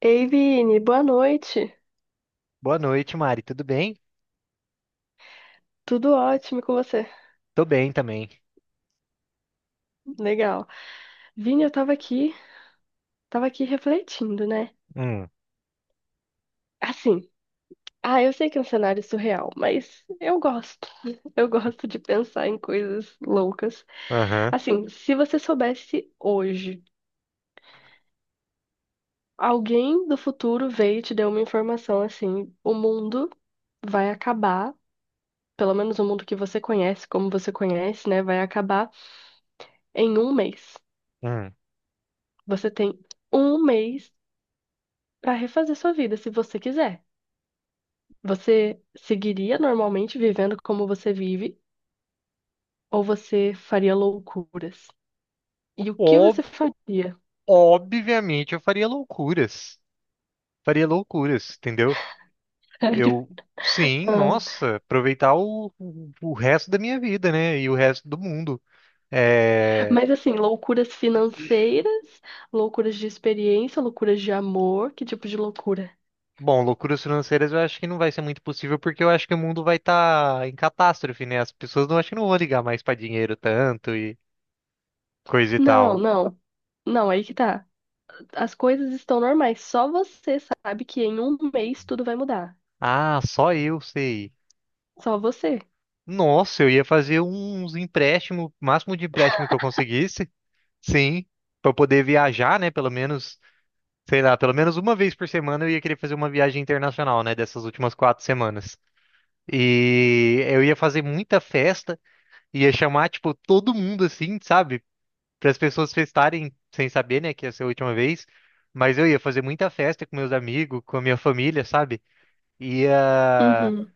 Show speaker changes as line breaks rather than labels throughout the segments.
Ei, Vini, boa noite.
Boa noite, Mari. Tudo bem?
Tudo ótimo com você?
Tô bem também.
Legal. Vini, eu tava aqui refletindo, né?
Hum,
Assim, ah, eu sei que é um cenário surreal, mas eu gosto. Eu gosto de pensar em coisas loucas.
aham,
Assim, se você soubesse hoje, alguém do futuro veio e te deu uma informação assim, o mundo vai acabar, pelo menos o mundo que você conhece, como você conhece, né, vai acabar em um mês.
hum.
Você tem um mês para refazer sua vida, se você quiser. Você seguiria normalmente vivendo como você vive ou você faria loucuras? E o que
Ob-
você faria?
Obviamente eu faria loucuras. Faria loucuras, entendeu?
Sério?
Eu, sim,
Ah,
nossa, aproveitar o resto da minha vida, né? E o resto do mundo. É...
mas assim, loucuras financeiras, loucuras de experiência, loucuras de amor, que tipo de loucura?
Bom, loucuras financeiras eu acho que não vai ser muito possível, porque eu acho que o mundo vai estar em catástrofe, né? As pessoas não acho que não vão ligar mais pra dinheiro tanto e coisa e
Não,
tal.
não. Não, aí que tá. As coisas estão normais. Só você sabe que em um mês tudo vai mudar.
Ah, só eu sei.
Só você.
Nossa, eu ia fazer uns empréstimos, máximo de empréstimo que eu conseguisse, sim, para poder viajar, né? Pelo menos, sei lá, pelo menos uma vez por semana eu ia querer fazer uma viagem internacional, né? Dessas últimas 4 semanas. E eu ia fazer muita festa, ia chamar, tipo, todo mundo assim, sabe? Para as pessoas festarem sem saber, né, que ia ser a última vez. Mas eu ia fazer muita festa com meus amigos, com a minha família, sabe? Ia.
Uhum.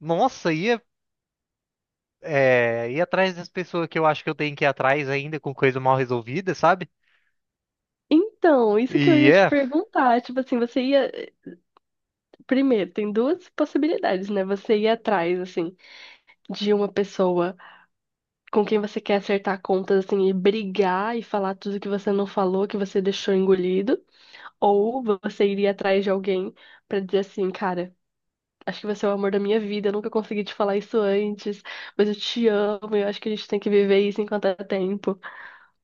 Nossa, ia ir atrás das pessoas que eu acho que eu tenho que ir atrás ainda com coisa mal resolvida, sabe?
Então, isso que eu
E
ia te
é,
perguntar, tipo assim, você ia primeiro, tem duas possibilidades, né? Você ir atrás, assim, de uma pessoa com quem você quer acertar contas, assim, e brigar e falar tudo que você não falou, que você deixou engolido. Ou você iria atrás de alguém pra dizer assim, cara, acho que você é o amor da minha vida, eu nunca consegui te falar isso antes, mas eu te amo, eu acho que a gente tem que viver isso enquanto é tempo.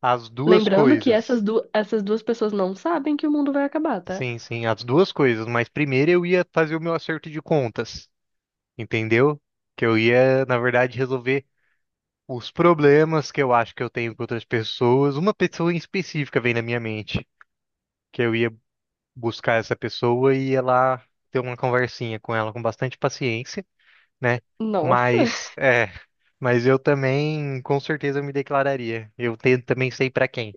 as duas
Lembrando que essas,
coisas.
du essas duas pessoas não sabem que o mundo vai acabar, tá?
Sim, sim, as duas coisas. Mas primeiro eu ia fazer o meu acerto de contas, entendeu? Que eu ia, na verdade, resolver os problemas que eu acho que eu tenho com outras pessoas. Uma pessoa em específica vem na minha mente, que eu ia buscar essa pessoa e ia lá ter uma conversinha com ela com bastante paciência. Né?
Nossa.
Mas é, mas eu também com certeza me declararia. Eu também sei pra quem.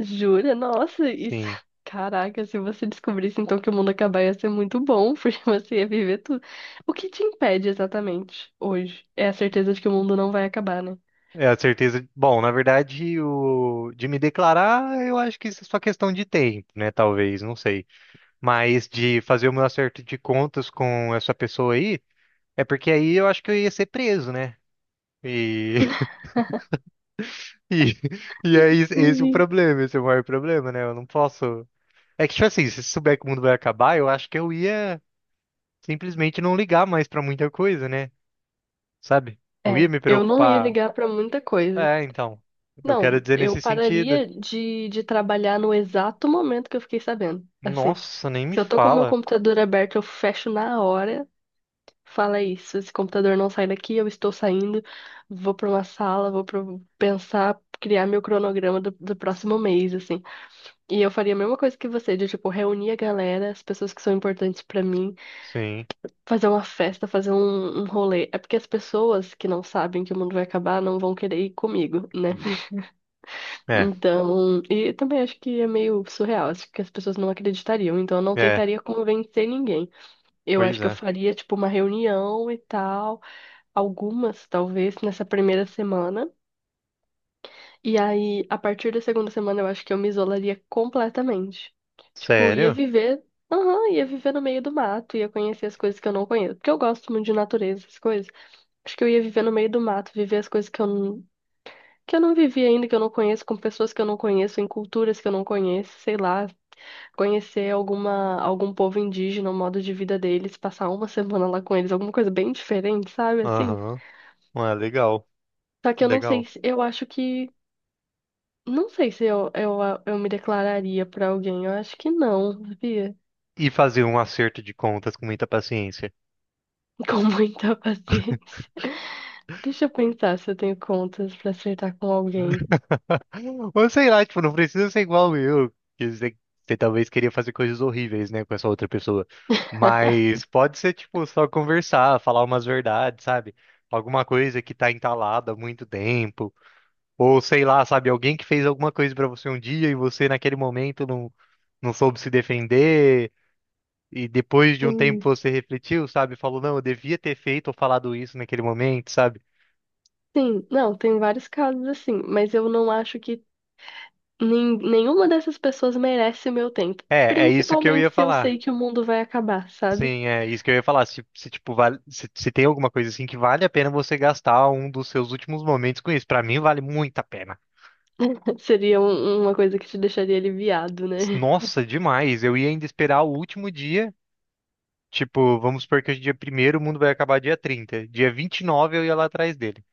Jura? Nossa, isso.
Sim.
Caraca, se você descobrisse então que o mundo acabar ia ser muito bom, porque você ia viver tudo. O que te impede exatamente hoje? É a certeza de que o mundo não vai acabar, né?
É a certeza. Bom, na verdade, o de me declarar, eu acho que isso é só questão de tempo, né? Talvez, não sei. Mas de fazer o meu acerto de contas com essa pessoa aí, é porque aí eu acho que eu ia ser preso, né? E e, esse é o
Ui.
problema, esse é o maior problema, né? Eu não posso. É que, tipo assim, se souber que o mundo vai acabar, eu acho que eu ia simplesmente não ligar mais pra muita coisa, né? Sabe? Não ia
É,
me
eu não ia
preocupar.
ligar pra muita coisa.
É, então. Eu quero
Não,
dizer
eu
nesse sentido.
pararia de trabalhar no exato momento que eu fiquei sabendo. Assim,
Nossa, nem me
se eu tô com o meu
fala.
computador aberto, eu fecho na hora. Fala isso, esse computador não sai daqui, eu estou saindo, vou para uma sala, vou pra pensar, criar meu cronograma do próximo mês, assim. E eu faria a mesma coisa que você, de tipo, reunir a galera, as pessoas que são importantes para mim,
Sim.
fazer uma festa, fazer um rolê. É porque as pessoas que não sabem que o mundo vai acabar não vão querer ir comigo, né?
É,
Então, e também acho que é meio surreal, acho que as pessoas não acreditariam, então eu não
é,
tentaria convencer ninguém. Eu acho
pois
que eu
é.
faria, tipo, uma reunião e tal. Algumas, talvez, nessa primeira semana. E aí, a partir da segunda semana, eu acho que eu me isolaria completamente. Tipo, ia
Sério?
viver, aham, ia viver no meio do mato, ia conhecer as coisas que eu não conheço. Porque eu gosto muito de natureza, essas coisas. Acho que eu ia viver no meio do mato, viver as coisas que eu não vivi ainda, que eu não conheço, com pessoas que eu não conheço, em culturas que eu não conheço, sei lá, conhecer algum povo indígena, o modo de vida deles, passar uma semana lá com eles, alguma coisa bem diferente, sabe, assim?
Aham. Ah, legal,
Só que eu não sei,
legal.
eu acho que não sei se eu me declararia pra alguém. Eu acho que não, sabia?
E fazer um acerto de contas com muita paciência.
Com muita paciência. Deixa eu pensar se eu tenho contas pra acertar com alguém.
Ou sei lá, tipo, não precisa ser igual eu, que você talvez queria fazer coisas horríveis, né, com essa outra pessoa. Mas pode ser, tipo, só conversar, falar umas verdades, sabe? Alguma coisa que tá entalada há muito tempo. Ou sei lá, sabe? Alguém que fez alguma coisa pra você um dia e você naquele momento não, não soube se defender. E depois de um tempo
Sim,
você refletiu, sabe? Falou, não, eu devia ter feito ou falado isso naquele momento, sabe?
sim. Não, tem vários casos assim, mas eu não acho que nenhuma dessas pessoas merece o meu tempo.
É, é isso que eu
Principalmente
ia
se eu
falar.
sei que o mundo vai acabar, sabe?
Sim, é isso que eu ia falar. Se, tipo, vale, se tem alguma coisa assim que vale a pena você gastar um dos seus últimos momentos com isso. Pra mim, vale muito a pena.
Seria uma coisa que te deixaria aliviado, né?
Nossa, demais. Eu ia ainda esperar o último dia. Tipo, vamos supor que hoje é dia primeiro, o mundo vai acabar dia 30. Dia 29 eu ia lá atrás dele.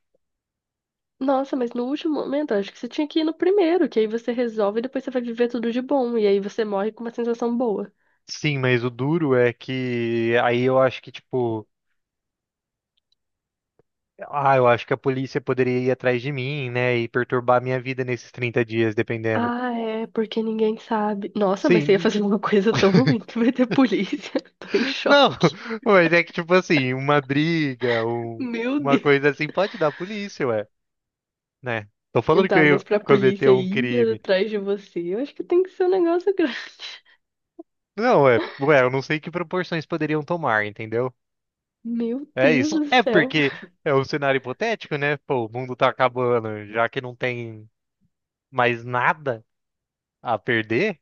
Nossa, mas no último momento, eu acho que você tinha que ir no primeiro, que aí você resolve e depois você vai viver tudo de bom, e aí você morre com uma sensação boa.
Sim, mas o duro é que aí eu acho que, tipo, ah, eu acho que a polícia poderia ir atrás de mim, né, e perturbar a minha vida nesses 30 dias, dependendo.
Ah, é, porque ninguém sabe. Nossa, mas você ia
Sim,
fazer uma coisa tão ruim que vai ter polícia. Tô em
não,
choque.
mas é que, tipo assim, uma briga,
Meu
uma
Deus.
coisa assim, pode dar polícia, ué, né? Tô falando que
Tá,
eu
mas pra
cometi
polícia
um
ir
crime.
atrás de você, eu acho que tem que ser um negócio grande.
Não, ué, ué, eu não sei que proporções poderiam tomar, entendeu?
Meu
É
Deus
isso.
do
É
céu.
porque é um cenário hipotético, né? Pô, o mundo tá acabando, já que não tem mais nada a perder.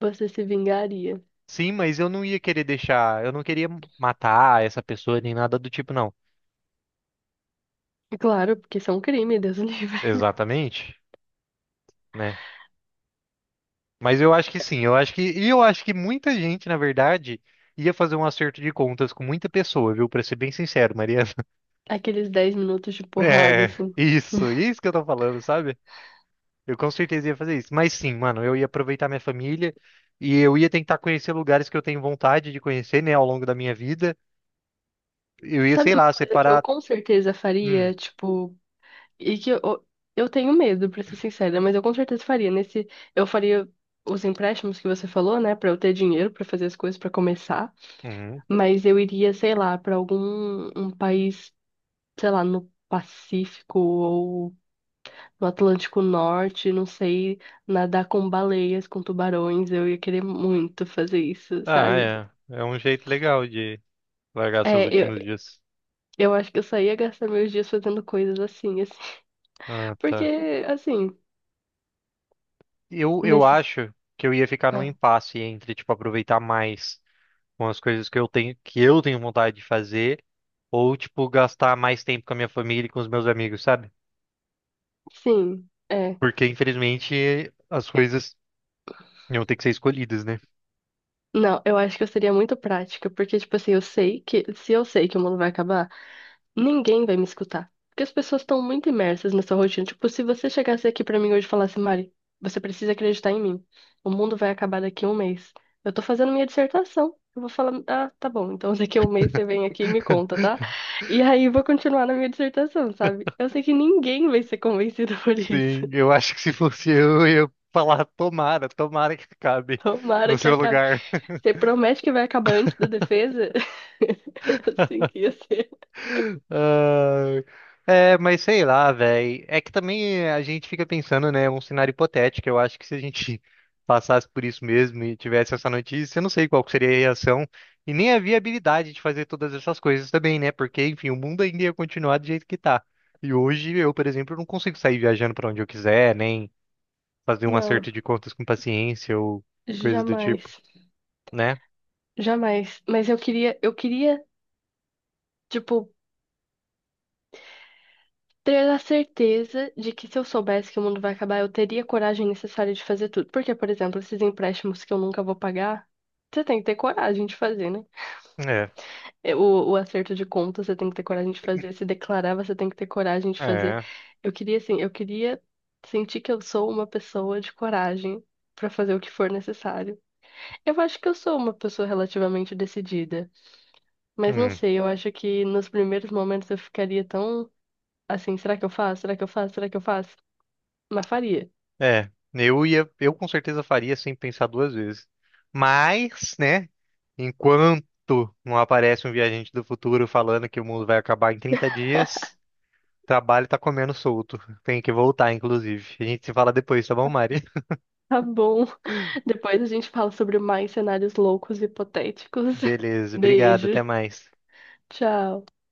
Você se vingaria.
Sim, mas eu não ia querer deixar, eu não queria matar essa pessoa nem nada do tipo, não.
Claro, porque isso é um crime, Deus o livre.
Exatamente, né? Mas eu acho que sim, eu acho que, e eu acho que muita gente, na verdade, ia fazer um acerto de contas com muita pessoa, viu? Pra ser bem sincero, Mariana.
Aqueles 10 minutos de porrada,
É,
assim.
isso que eu tô falando, sabe? Eu com certeza ia fazer isso. Mas sim, mano, eu ia aproveitar minha família e eu ia tentar conhecer lugares que eu tenho vontade de conhecer, né, ao longo da minha vida. Eu ia,
Sabe
sei
uma
lá,
coisa que eu
separar.
com certeza
Hum,
faria? Tipo, e que eu tenho medo, pra ser sincera, mas eu com certeza faria. Nesse, eu faria os empréstimos que você falou, né, pra eu ter dinheiro pra fazer as coisas pra começar,
uhum.
mas eu iria, sei lá, pra algum país, sei lá, no Pacífico ou no Atlântico Norte, não sei, nadar com baleias, com tubarões, eu ia querer muito fazer isso,
Ah,
sabe?
é. É um jeito legal de largar seus
É,
últimos dias.
eu acho que eu só ia gastar meus dias fazendo coisas assim, assim.
Ah,
Porque
tá.
assim,
Eu
nesses,
acho que eu ia ficar num
ah,
impasse entre, tipo, aproveitar mais com as coisas que eu tenho vontade de fazer, ou, tipo, gastar mais tempo com a minha família e com os meus amigos, sabe?
sim, é.
Porque, infelizmente, as coisas iam ter que ser escolhidas, né?
Não, eu acho que eu seria muito prática, porque, tipo assim, eu sei que, se eu sei que o mundo vai acabar, ninguém vai me escutar. Porque as pessoas estão muito imersas nessa rotina. Tipo, se você chegasse aqui pra mim hoje e falasse, Mari, você precisa acreditar em mim. O mundo vai acabar daqui a um mês. Eu tô fazendo minha dissertação. Eu vou falar, ah, tá bom, então daqui a um mês você vem aqui e me conta, tá? E aí eu vou continuar na minha dissertação, sabe? Eu sei que ninguém vai ser convencido por isso.
Sim, eu acho que se fosse eu ia falar, tomara, tomara que acabe no
Tomara que
seu
acabe.
lugar.
Você promete que vai acabar antes da defesa? Assim que ia ser.
Ai. É, mas sei lá, velho. É que também a gente fica pensando, né? Um cenário hipotético. Eu acho que se a gente passasse por isso mesmo e tivesse essa notícia, eu não sei qual que seria a reação e nem a viabilidade de fazer todas essas coisas também, né? Porque, enfim, o mundo ainda ia continuar do jeito que tá. E hoje eu, por exemplo, não consigo sair viajando pra onde eu quiser, nem fazer um
Não,
acerto de contas com paciência ou coisa do tipo,
jamais.
né?
Jamais. Mas eu queria, tipo, ter a certeza de que se eu soubesse que o mundo vai acabar, eu teria a coragem necessária de fazer tudo. Porque, por exemplo, esses empréstimos que eu nunca vou pagar, você tem que ter coragem de fazer, né?
É,
É, o acerto de conta, você tem que ter coragem de fazer. Se declarar, você tem que ter coragem de fazer.
é.
Eu queria, assim, eu queria sentir que eu sou uma pessoa de coragem pra fazer o que for necessário. Eu acho que eu sou uma pessoa relativamente decidida. Mas não
Hum.
sei, eu acho que nos primeiros momentos eu ficaria tão assim, será que eu faço? Será que eu faço? Será que eu faço? Mas faria.
É, eu ia, eu com certeza faria sem pensar duas vezes. Mas, né, enquanto não aparece um viajante do futuro falando que o mundo vai acabar em 30 dias, o trabalho tá comendo solto. Tem que voltar, inclusive. A gente se fala depois, tá bom, Mari?
Tá bom. Depois a gente fala sobre mais cenários loucos e hipotéticos.
Beleza, obrigado,
Beijo.
até mais.
Tchau.